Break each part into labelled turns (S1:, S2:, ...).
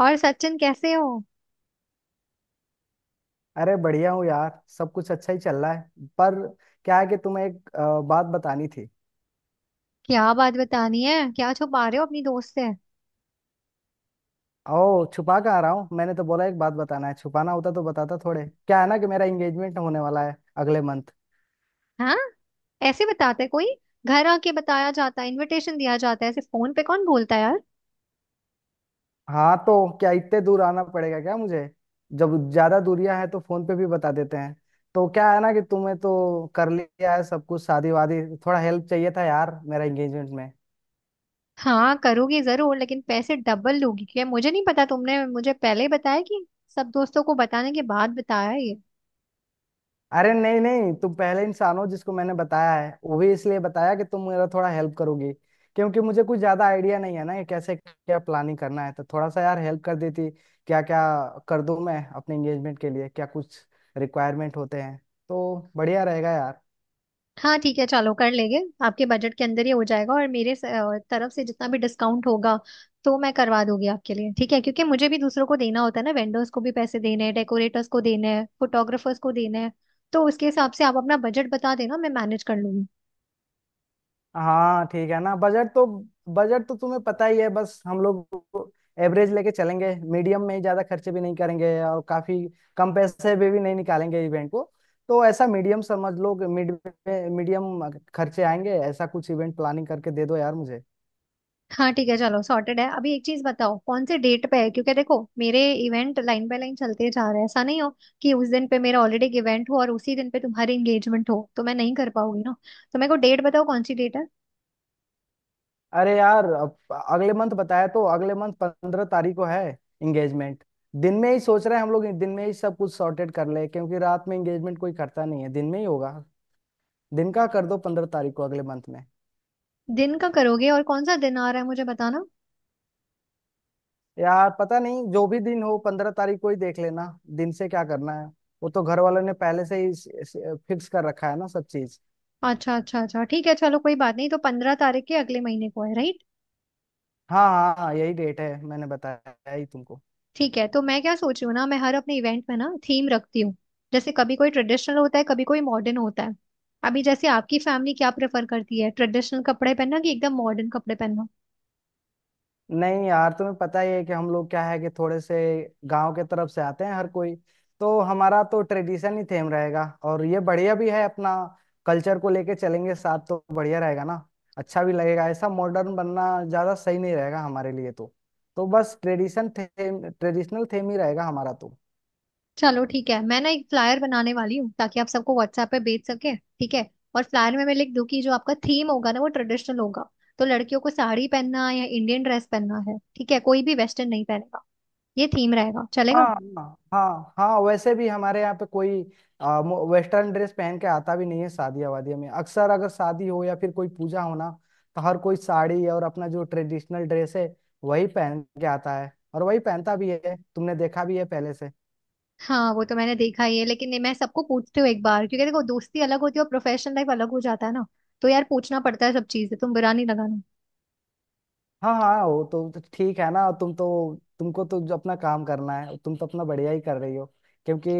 S1: और सचिन कैसे हो।
S2: अरे बढ़िया हूँ यार, सब कुछ अच्छा ही चल रहा है। पर क्या है कि तुम्हें एक बात बतानी थी।
S1: क्या बात बतानी है, क्या छुपा रहे हो अपनी दोस्त से।
S2: ओ छुपा कहाँ रहा हूँ, मैंने तो बोला एक बात बताना है, छुपाना होता तो बताता थोड़े। क्या है ना कि मेरा एंगेजमेंट होने वाला है अगले मंथ।
S1: हाँ, ऐसे बताता है कोई? घर आके बताया जाता है, इनविटेशन दिया जाता है, ऐसे फोन पे कौन बोलता है यार।
S2: हाँ तो क्या इतने दूर आना पड़ेगा क्या मुझे? जब ज्यादा दूरियां हैं तो फोन पे भी बता देते हैं। तो क्या है ना कि तुम्हें तो कर लिया है सब कुछ शादी वादी, थोड़ा हेल्प चाहिए था यार मेरा एंगेजमेंट में।
S1: हाँ करूंगी जरूर, लेकिन पैसे डबल लूंगी, क्या मुझे नहीं पता? तुमने मुझे पहले ही बताया कि सब दोस्तों को बताने के बाद बताया है ये।
S2: अरे नहीं नहीं, तुम पहले इंसान हो जिसको मैंने बताया है, वो भी इसलिए बताया कि तुम मेरा थोड़ा हेल्प करोगी, क्योंकि मुझे कुछ ज्यादा आइडिया नहीं है ना कि कैसे क्या प्लानिंग करना है, तो थोड़ा सा यार हेल्प कर देती। क्या क्या कर दूं मैं अपने एंगेजमेंट के लिए, क्या कुछ रिक्वायरमेंट होते हैं, तो बढ़िया रहेगा यार।
S1: हाँ ठीक है, चलो कर लेंगे। आपके बजट के अंदर ही हो जाएगा, और मेरे तरफ से जितना भी डिस्काउंट होगा, तो मैं करवा दूंगी आपके लिए, ठीक है? क्योंकि मुझे भी दूसरों को देना होता है ना, वेंडर्स को भी पैसे देने हैं, डेकोरेटर्स को देने हैं, फोटोग्राफर्स को देने हैं। तो उसके हिसाब से आप अपना बजट बता देना, मैं मैनेज कर लूंगी।
S2: हाँ ठीक है ना, बजट तो तुम्हें पता ही है, बस हम लोग एवरेज लेके चलेंगे, मीडियम में ही, ज्यादा खर्चे भी नहीं करेंगे और काफी कम पैसे भी नहीं निकालेंगे इवेंट को। तो ऐसा मीडियम समझ लो, मिड मीडियम खर्चे आएंगे, ऐसा कुछ इवेंट प्लानिंग करके दे दो यार मुझे।
S1: हाँ ठीक है, चलो सॉर्टेड है। अभी एक चीज बताओ, कौन से डेट पे है, क्योंकि देखो मेरे इवेंट लाइन बाय लाइन चलते जा रहे हैं। ऐसा नहीं हो कि उस दिन पे मेरा ऑलरेडी इवेंट हो और उसी दिन पे तुम्हारी एंगेजमेंट हो, तो मैं नहीं कर पाऊंगी ना। तो मेरे को डेट बताओ, कौन सी डेट है।
S2: अरे यार, अब अगले मंथ बताया, तो अगले मंथ 15 तारीख को है एंगेजमेंट। दिन में ही सोच रहे हैं हम लोग, दिन में ही सब कुछ सॉर्टेड कर ले, क्योंकि रात में एंगेजमेंट कोई करता नहीं है, दिन में ही होगा, दिन का कर दो 15 तारीख को अगले मंथ में।
S1: दिन का करोगे, और कौन सा दिन आ रहा है मुझे बताना।
S2: यार पता नहीं जो भी दिन हो, 15 तारीख को ही देख लेना, दिन से क्या करना है, वो तो घर वालों ने पहले से ही फिक्स कर रखा है ना सब चीज।
S1: अच्छा अच्छा अच्छा, ठीक है, चलो कोई बात नहीं। तो 15 तारीख के अगले महीने को है, राइट?
S2: हाँ हाँ हाँ, यही डेट है मैंने बताया ही तुमको।
S1: ठीक है, तो मैं क्या सोच रही हूँ ना, मैं हर अपने इवेंट में ना थीम रखती हूँ। जैसे कभी कोई ट्रेडिशनल होता है, कभी कोई मॉडर्न होता है। अभी जैसे आपकी फैमिली क्या प्रेफर करती है, ट्रेडिशनल कपड़े पहनना कि एकदम मॉडर्न कपड़े पहनना।
S2: नहीं यार तुम्हें पता ही है कि हम लोग, क्या है कि थोड़े से गांव के तरफ से आते हैं हर कोई, तो हमारा तो ट्रेडिशन ही थेम रहेगा, और ये बढ़िया भी है, अपना कल्चर को लेके चलेंगे साथ, तो बढ़िया रहेगा ना, अच्छा भी लगेगा। ऐसा मॉडर्न बनना ज्यादा सही नहीं रहेगा हमारे लिए, तो बस ट्रेडिशनल थेम ही रहेगा हमारा तो।
S1: चलो ठीक है, मैं ना एक फ्लायर बनाने वाली हूँ ताकि आप सबको व्हाट्सएप पे भेज सके, ठीक है? और फ्लायर में मैं लिख दूँ कि जो आपका थीम होगा ना वो ट्रेडिशनल होगा, तो लड़कियों को साड़ी पहनना या इंडियन ड्रेस पहनना है, ठीक है? कोई भी वेस्टर्न नहीं पहनेगा, ये थीम रहेगा,
S2: हाँ
S1: चलेगा?
S2: हाँ हाँ हाँ, वैसे भी हमारे यहाँ पे कोई वेस्टर्न ड्रेस पहन के आता भी नहीं है शादियाँ वादियाँ में, अक्सर अगर शादी हो या फिर कोई पूजा हो ना, तो हर कोई साड़ी और अपना जो ट्रेडिशनल ड्रेस है वही पहन के आता है, और वही पहनता भी है, तुमने देखा भी है पहले से।
S1: हाँ वो तो मैंने देखा ही है, लेकिन ये मैं सबको पूछती हूँ एक बार, क्योंकि देखो दोस्ती अलग होती है और प्रोफेशनल लाइफ अलग हो जाता है ना। तो यार पूछना पड़ता है सब चीजें, तुम बुरा नहीं लगाना।
S2: हाँ हाँ, वो तो ठीक है ना, तुमको तो जो अपना काम करना है तुम तो अपना बढ़िया ही कर रही हो, क्योंकि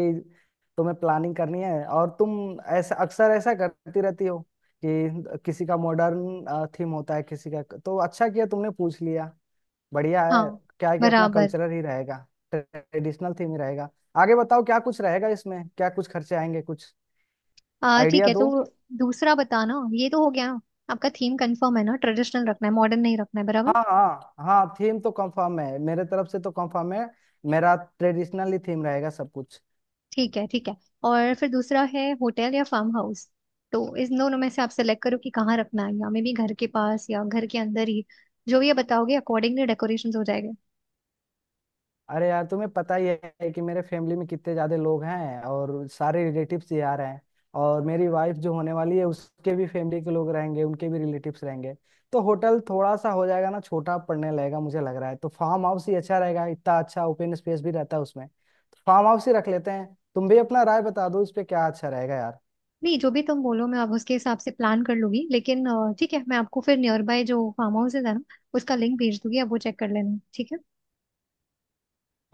S2: तुम्हें प्लानिंग करनी है और तुम ऐसा अक्सर ऐसा करती रहती हो कि किसी का मॉडर्न थीम होता है किसी का, तो अच्छा किया तुमने पूछ लिया, बढ़िया है।
S1: हाँ।
S2: क्या है कि अपना
S1: बराबर।
S2: कल्चरल ही रहेगा, ट्रेडिशनल थीम ही रहेगा। आगे बताओ क्या कुछ रहेगा इसमें, क्या कुछ खर्चे आएंगे, कुछ
S1: आ ठीक
S2: आइडिया
S1: है,
S2: दो।
S1: तो दूसरा बताना, ये तो हो गया ना। आपका थीम कंफर्म है ना, ट्रेडिशनल रखना है, मॉडर्न नहीं रखना है, बराबर?
S2: हाँ हाँ हाँ, थीम तो कंफर्म है, मेरे तरफ से तो कंफर्म है, मेरा ट्रेडिशनल ही थीम रहेगा सब कुछ।
S1: ठीक है ठीक है। और फिर दूसरा है होटल या फार्म हाउस। तो इस दोनों में से आप सेलेक्ट करो कि कहाँ रखना है, या मे बी घर के पास या घर के अंदर ही। जो भी ये बताओगे अकॉर्डिंगली डेकोरेशन हो जाएगा।
S2: अरे यार तुम्हें पता ही है कि मेरे फैमिली में कितने ज्यादा लोग हैं, और सारे रिलेटिव्स ही आ रहे हैं, और मेरी वाइफ जो होने वाली है उसके भी फैमिली के लोग रहेंगे, उनके भी रिलेटिव्स रहेंगे, तो होटल थोड़ा सा हो जाएगा ना, छोटा पड़ने लगेगा मुझे लग रहा है, तो फार्म हाउस ही अच्छा रहेगा, इतना अच्छा ओपन स्पेस भी रहता है उसमें, तो फार्म हाउस ही रख लेते हैं। तुम भी अपना राय बता दो इस पे क्या अच्छा रहेगा यार।
S1: नहीं, जो भी तुम बोलो मैं अब उसके हिसाब से प्लान कर लूंगी, लेकिन ठीक है, मैं आपको फिर नियर बाय जो फार्म हाउस है ना उसका लिंक भेज दूंगी, आप वो चेक कर लेना, ठीक है?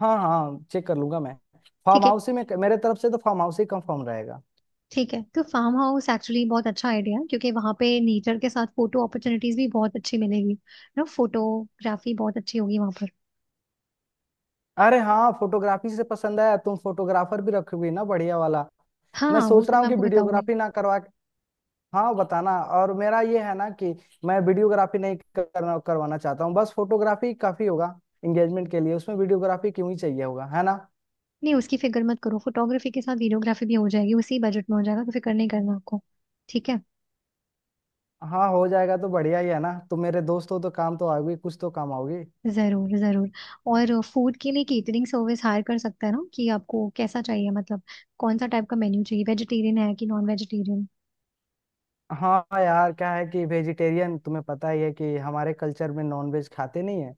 S2: हाँ हाँ चेक कर लूंगा मैं, फार्म
S1: ठीक है।
S2: हाउस ही, में मेरे तरफ से तो फार्म हाउस ही कंफर्म रहेगा।
S1: ठीक है तो फार्म हाउस एक्चुअली बहुत अच्छा आइडिया है, क्योंकि वहां पे नेचर के साथ फोटो अपॉर्चुनिटीज भी बहुत अच्छी मिलेगी ना, फोटोग्राफी बहुत अच्छी होगी वहां पर।
S2: अरे हाँ फोटोग्राफी से पसंद आया, तुम फोटोग्राफर भी रखोगी ना बढ़िया वाला?
S1: हाँ
S2: मैं
S1: हाँ, वो
S2: सोच
S1: तो
S2: रहा
S1: मैं
S2: हूँ कि
S1: आपको बताऊंगी।
S2: वीडियोग्राफी ना करवा के-। हाँ बताना। और मेरा ये है ना कि मैं वीडियोग्राफी नहीं करना करवाना चाहता हूँ, बस फोटोग्राफी काफी होगा एंगेजमेंट के लिए, उसमें वीडियोग्राफी क्यों ही चाहिए होगा है ना।
S1: नहीं उसकी फिक्र मत करो, फोटोग्राफी के साथ वीडियोग्राफी भी हो जाएगी, उसी बजट में हो जाएगा, तो फिक्र नहीं करना आपको। ठीक है।
S2: हाँ हो जाएगा तो बढ़िया ही है ना, तुम मेरे दोस्त हो तो काम तो आओगी, कुछ तो काम आओगी।
S1: जरूर जरूर। और फूड के लिए केटरिंग सर्विस हायर कर सकता है ना, कि आपको कैसा चाहिए, मतलब कौन सा टाइप का मेन्यू चाहिए, वेजिटेरियन है कि नॉन वेजिटेरियन।
S2: हाँ यार क्या है कि वेजिटेरियन, तुम्हें पता ही है कि हमारे कल्चर में नॉन वेज खाते नहीं है,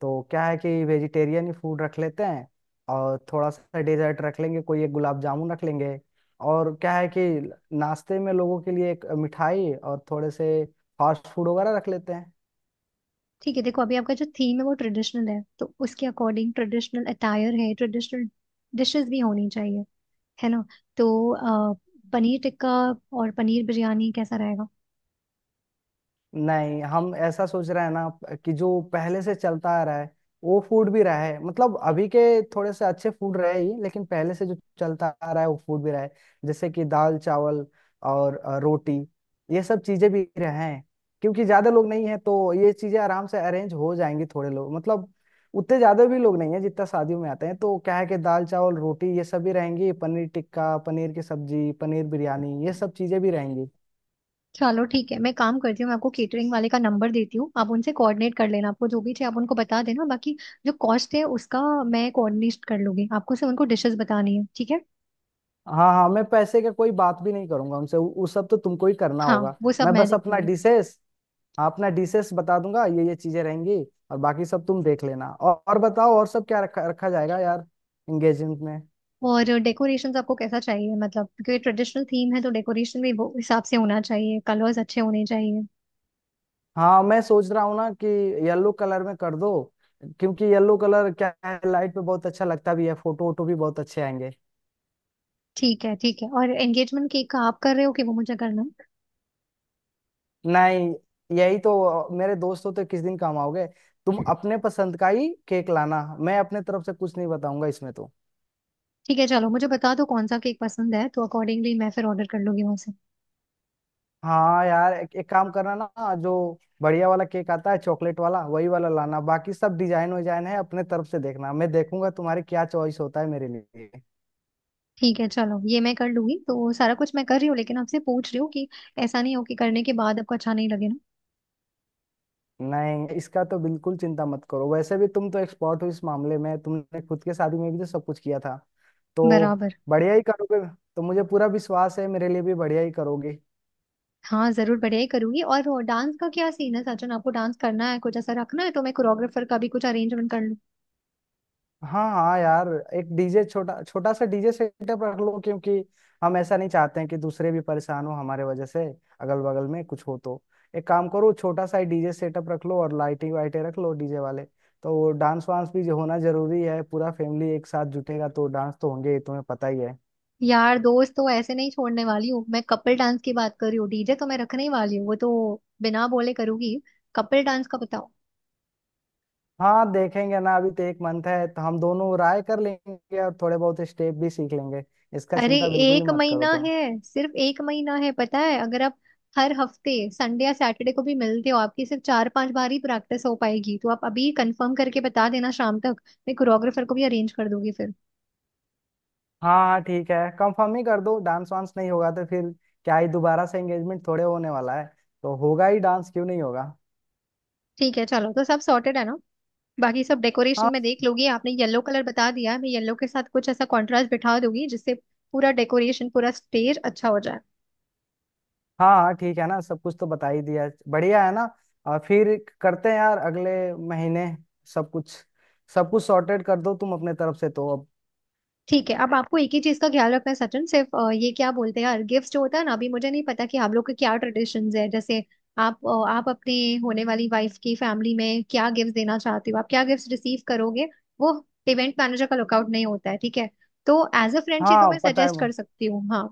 S2: तो क्या है कि वेजिटेरियन ही फूड रख लेते हैं। और थोड़ा सा डेजर्ट रख लेंगे, कोई एक गुलाब जामुन रख लेंगे, और क्या है कि नाश्ते में लोगों के लिए एक मिठाई और थोड़े से फास्ट फूड वगैरह रख लेते हैं।
S1: ठीक है देखो, अभी आपका जो थीम है वो ट्रेडिशनल है, तो उसके अकॉर्डिंग ट्रेडिशनल अटायर है, ट्रेडिशनल डिशेस भी होनी चाहिए, है ना? तो अ, पनीर टिक्का और पनीर बिरयानी कैसा रहेगा?
S2: नहीं हम ऐसा सोच रहे हैं ना कि जो पहले से चलता आ रहा है वो फूड भी रहे, मतलब अभी के थोड़े से अच्छे फूड रहे ही, लेकिन पहले से जो चलता आ रहा है वो फूड भी रहे, जैसे कि दाल चावल और रोटी, ये सब चीजें भी रहें, क्योंकि ज्यादा लोग नहीं है तो ये चीजें आराम से अरेंज हो जाएंगी, थोड़े लोग मतलब, उतने ज्यादा भी लोग नहीं है जितना शादियों में आते हैं, तो क्या है कि दाल चावल रोटी ये सब भी रहेंगी, पनीर टिक्का, पनीर की सब्जी, पनीर बिरयानी, ये सब चीजें भी रहेंगी।
S1: चलो ठीक है, मैं काम करती हूँ। मैं आपको केटरिंग वाले का नंबर देती हूँ, आप उनसे कोऑर्डिनेट कर लेना, आपको जो भी चाहिए आप उनको बता देना। बाकी जो कॉस्ट है उसका मैं कोऑर्डिनेट कर लूंगी, आपको सिर्फ उनको डिशेस बतानी है, ठीक है?
S2: हाँ हाँ, मैं पैसे का कोई बात भी नहीं करूंगा उनसे, उस सब तो तुमको ही करना
S1: हाँ
S2: होगा।
S1: वो सब
S2: मैं
S1: मैं
S2: बस
S1: देख
S2: अपना
S1: लूंगी।
S2: डिशेस, हाँ अपना डिशेस बता दूंगा ये चीजें रहेंगी, और बाकी सब तुम देख लेना। और बताओ और सब क्या रखा रखा जाएगा यार एंगेजमेंट में।
S1: और डेकोरेशंस आपको कैसा चाहिए, मतलब क्योंकि ट्रेडिशनल थीम है तो डेकोरेशन भी वो हिसाब से होना चाहिए, कलर्स अच्छे होने चाहिए।
S2: हाँ मैं सोच रहा हूँ ना कि येलो कलर में कर दो, क्योंकि येलो कलर क्या है, लाइट पे बहुत अच्छा लगता भी है, फोटो वोटो भी बहुत अच्छे आएंगे।
S1: ठीक है ठीक है। और एंगेजमेंट केक का आप कर रहे हो कि वो मुझे करना है?
S2: नहीं, यही तो मेरे दोस्त हो तो किस दिन काम आओगे, तुम अपने पसंद का ही केक लाना, मैं अपने तरफ से कुछ नहीं बताऊंगा इसमें तो।
S1: ठीक है चलो, मुझे बता दो कौन सा केक पसंद है, तो अकॉर्डिंगली मैं फिर ऑर्डर कर लूंगी वहां से।
S2: हाँ यार एक काम करना ना, जो बढ़िया वाला केक आता है चॉकलेट वाला, वही वाला लाना, बाकी सब डिजाइन विजाइन है अपने तरफ से देखना, मैं देखूंगा तुम्हारे क्या चॉइस होता है मेरे लिए।
S1: ठीक है चलो ये मैं कर लूंगी। तो सारा कुछ मैं कर रही हूँ, लेकिन आपसे पूछ रही हूँ कि ऐसा नहीं हो कि करने के बाद आपको अच्छा नहीं लगे ना।
S2: नहीं, इसका तो बिल्कुल चिंता मत करो, वैसे भी तुम तो एक्सपर्ट हो इस मामले में, तुमने खुद के शादी में भी तो सब कुछ किया था, तो
S1: बराबर।
S2: बढ़िया ही करोगे, तो मुझे पूरा विश्वास है मेरे लिए भी बढ़िया ही करोगे।
S1: हाँ जरूर, बढ़िया ही करूंगी। और वो डांस का क्या सीन है सचिन, आपको डांस करना है कुछ, ऐसा रखना है तो मैं कोरियोग्राफर का भी कुछ अरेंजमेंट कर लूँ।
S2: हाँ हाँ यार, एक डीजे, छोटा छोटा सा डीजे सेटअप रख लो, क्योंकि हम ऐसा नहीं चाहते हैं कि दूसरे भी परेशान हो हमारे वजह से, अगल बगल में कुछ हो तो, एक काम करो छोटा सा डीजे सेटअप रख लो और लाइटिंग वाइटें रख लो डीजे वाले, तो वो डांस वांस भी जो होना जरूरी है, पूरा फैमिली एक साथ जुटेगा तो डांस तो होंगे ही, तुम्हें पता ही है।
S1: यार दोस्त तो ऐसे नहीं छोड़ने वाली हूँ मैं, कपल डांस की बात कर रही हूँ। डीजे तो मैं रखने ही वाली हूँ, वो तो बिना बोले करूंगी। कपल डांस का बताओ।
S2: हाँ देखेंगे ना, अभी तो एक मंथ है, तो हम दोनों राय कर लेंगे और थोड़े बहुत स्टेप भी सीख लेंगे, इसका
S1: अरे,
S2: चिंता बिल्कुल ही
S1: एक
S2: मत करो
S1: महीना
S2: तुम।
S1: है, सिर्फ एक महीना है पता है? अगर आप हर हफ्ते संडे या सैटरडे को भी मिलते हो, आपकी सिर्फ 4-5 बार ही प्रैक्टिस हो पाएगी। तो आप अभी कंफर्म करके बता देना शाम तक, मैं कोरियोग्राफर को भी अरेंज कर दूंगी फिर।
S2: हाँ हाँ ठीक है, कंफर्म ही कर दो, डांस वांस नहीं होगा तो फिर क्या ही, दोबारा से एंगेजमेंट थोड़े होने वाला है, तो होगा ही डांस, क्यों नहीं होगा।
S1: ठीक है चलो, तो सब सॉर्टेड है ना। बाकी सब
S2: हाँ
S1: डेकोरेशन में देख लोगी, आपने येलो कलर बता दिया है, मैं येलो के साथ कुछ ऐसा कॉन्ट्रास्ट बिठा दूंगी जिससे पूरा डेकोरेशन, पूरा स्टेज अच्छा हो जाए।
S2: हाँ हाँ ठीक है ना, सब कुछ तो बता ही दिया है। बढ़िया है ना। और फिर करते हैं यार अगले महीने, सब कुछ, सब कुछ सॉर्टेड कर दो तुम अपने तरफ से तो अब।
S1: ठीक है, अब आपको एक ही चीज का ख्याल रखना है सचिन, सिर्फ ये क्या बोलते हैं यार, गिफ्ट जो होता है ना, अभी मुझे नहीं पता कि आप लोग के क्या ट्रेडिशंस है। जैसे आप आप अपने होने वाली वाइफ की फैमिली में क्या गिफ्ट देना चाहते हो, आप क्या गिफ्ट रिसीव करोगे, वो इवेंट मैनेजर का लुकआउट नहीं होता है, ठीक है? तो एज अ फ्रेंड ये तो मैं
S2: हाँ पता है।
S1: सजेस्ट कर सकती हूँ। हाँ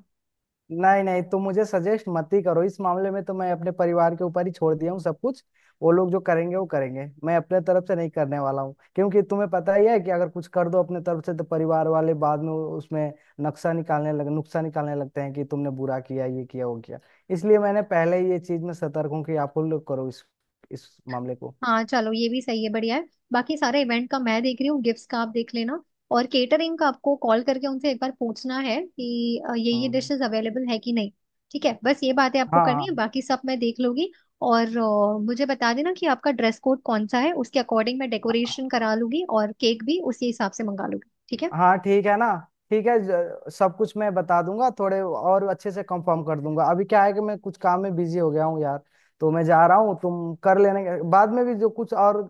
S2: नहीं नहीं तुम मुझे सजेस्ट मत ही करो इस मामले में, तो मैं अपने परिवार के ऊपर ही छोड़ दिया हूँ सब कुछ, वो लोग जो करेंगे वो करेंगे, मैं अपने तरफ से नहीं करने वाला हूँ, क्योंकि तुम्हें पता ही है कि अगर कुछ कर दो अपने तरफ से तो परिवार वाले बाद में उसमें नक्शा निकालने लग नुक्शा निकालने लगते हैं कि तुमने बुरा किया ये किया वो किया। इसलिए मैंने पहले ही ये चीज में सतर्क हूँ कि आप लोग करो इस मामले को।
S1: हाँ चलो, ये भी सही है, बढ़िया है। बाकी सारे इवेंट का मैं देख रही हूँ, गिफ्ट्स का आप देख लेना। और केटरिंग का आपको कॉल करके उनसे एक बार पूछना है कि ये
S2: हाँ
S1: डिशेस अवेलेबल है कि नहीं। ठीक है, बस ये बातें आपको करनी
S2: हाँ
S1: है, बाकी सब मैं देख लूंगी। और मुझे बता देना कि आपका ड्रेस कोड कौन सा है, उसके अकॉर्डिंग मैं
S2: हाँ
S1: डेकोरेशन करा लूंगी और केक भी उसी हिसाब से मंगा लूंगी, ठीक है?
S2: हाँ ठीक है ना, ठीक है, सब कुछ मैं बता दूंगा, थोड़े और अच्छे से कंफर्म कर दूंगा, अभी क्या है कि मैं कुछ काम में बिजी हो गया हूँ यार, तो मैं जा रहा हूँ, तुम कर लेने के बाद में भी जो कुछ और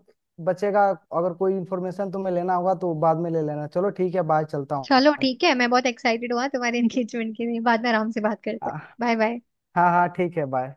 S2: बचेगा, अगर कोई इन्फॉर्मेशन तुम्हें लेना होगा तो बाद में ले लेना, चलो ठीक है बाय, चलता
S1: चलो
S2: हूँ।
S1: ठीक है, मैं बहुत एक्साइटेड हुआ तुम्हारे एंगेजमेंट के लिए, बाद में आराम से बात करते
S2: हाँ
S1: हैं, बाय बाय।
S2: हाँ हाँ, ठीक है बाय।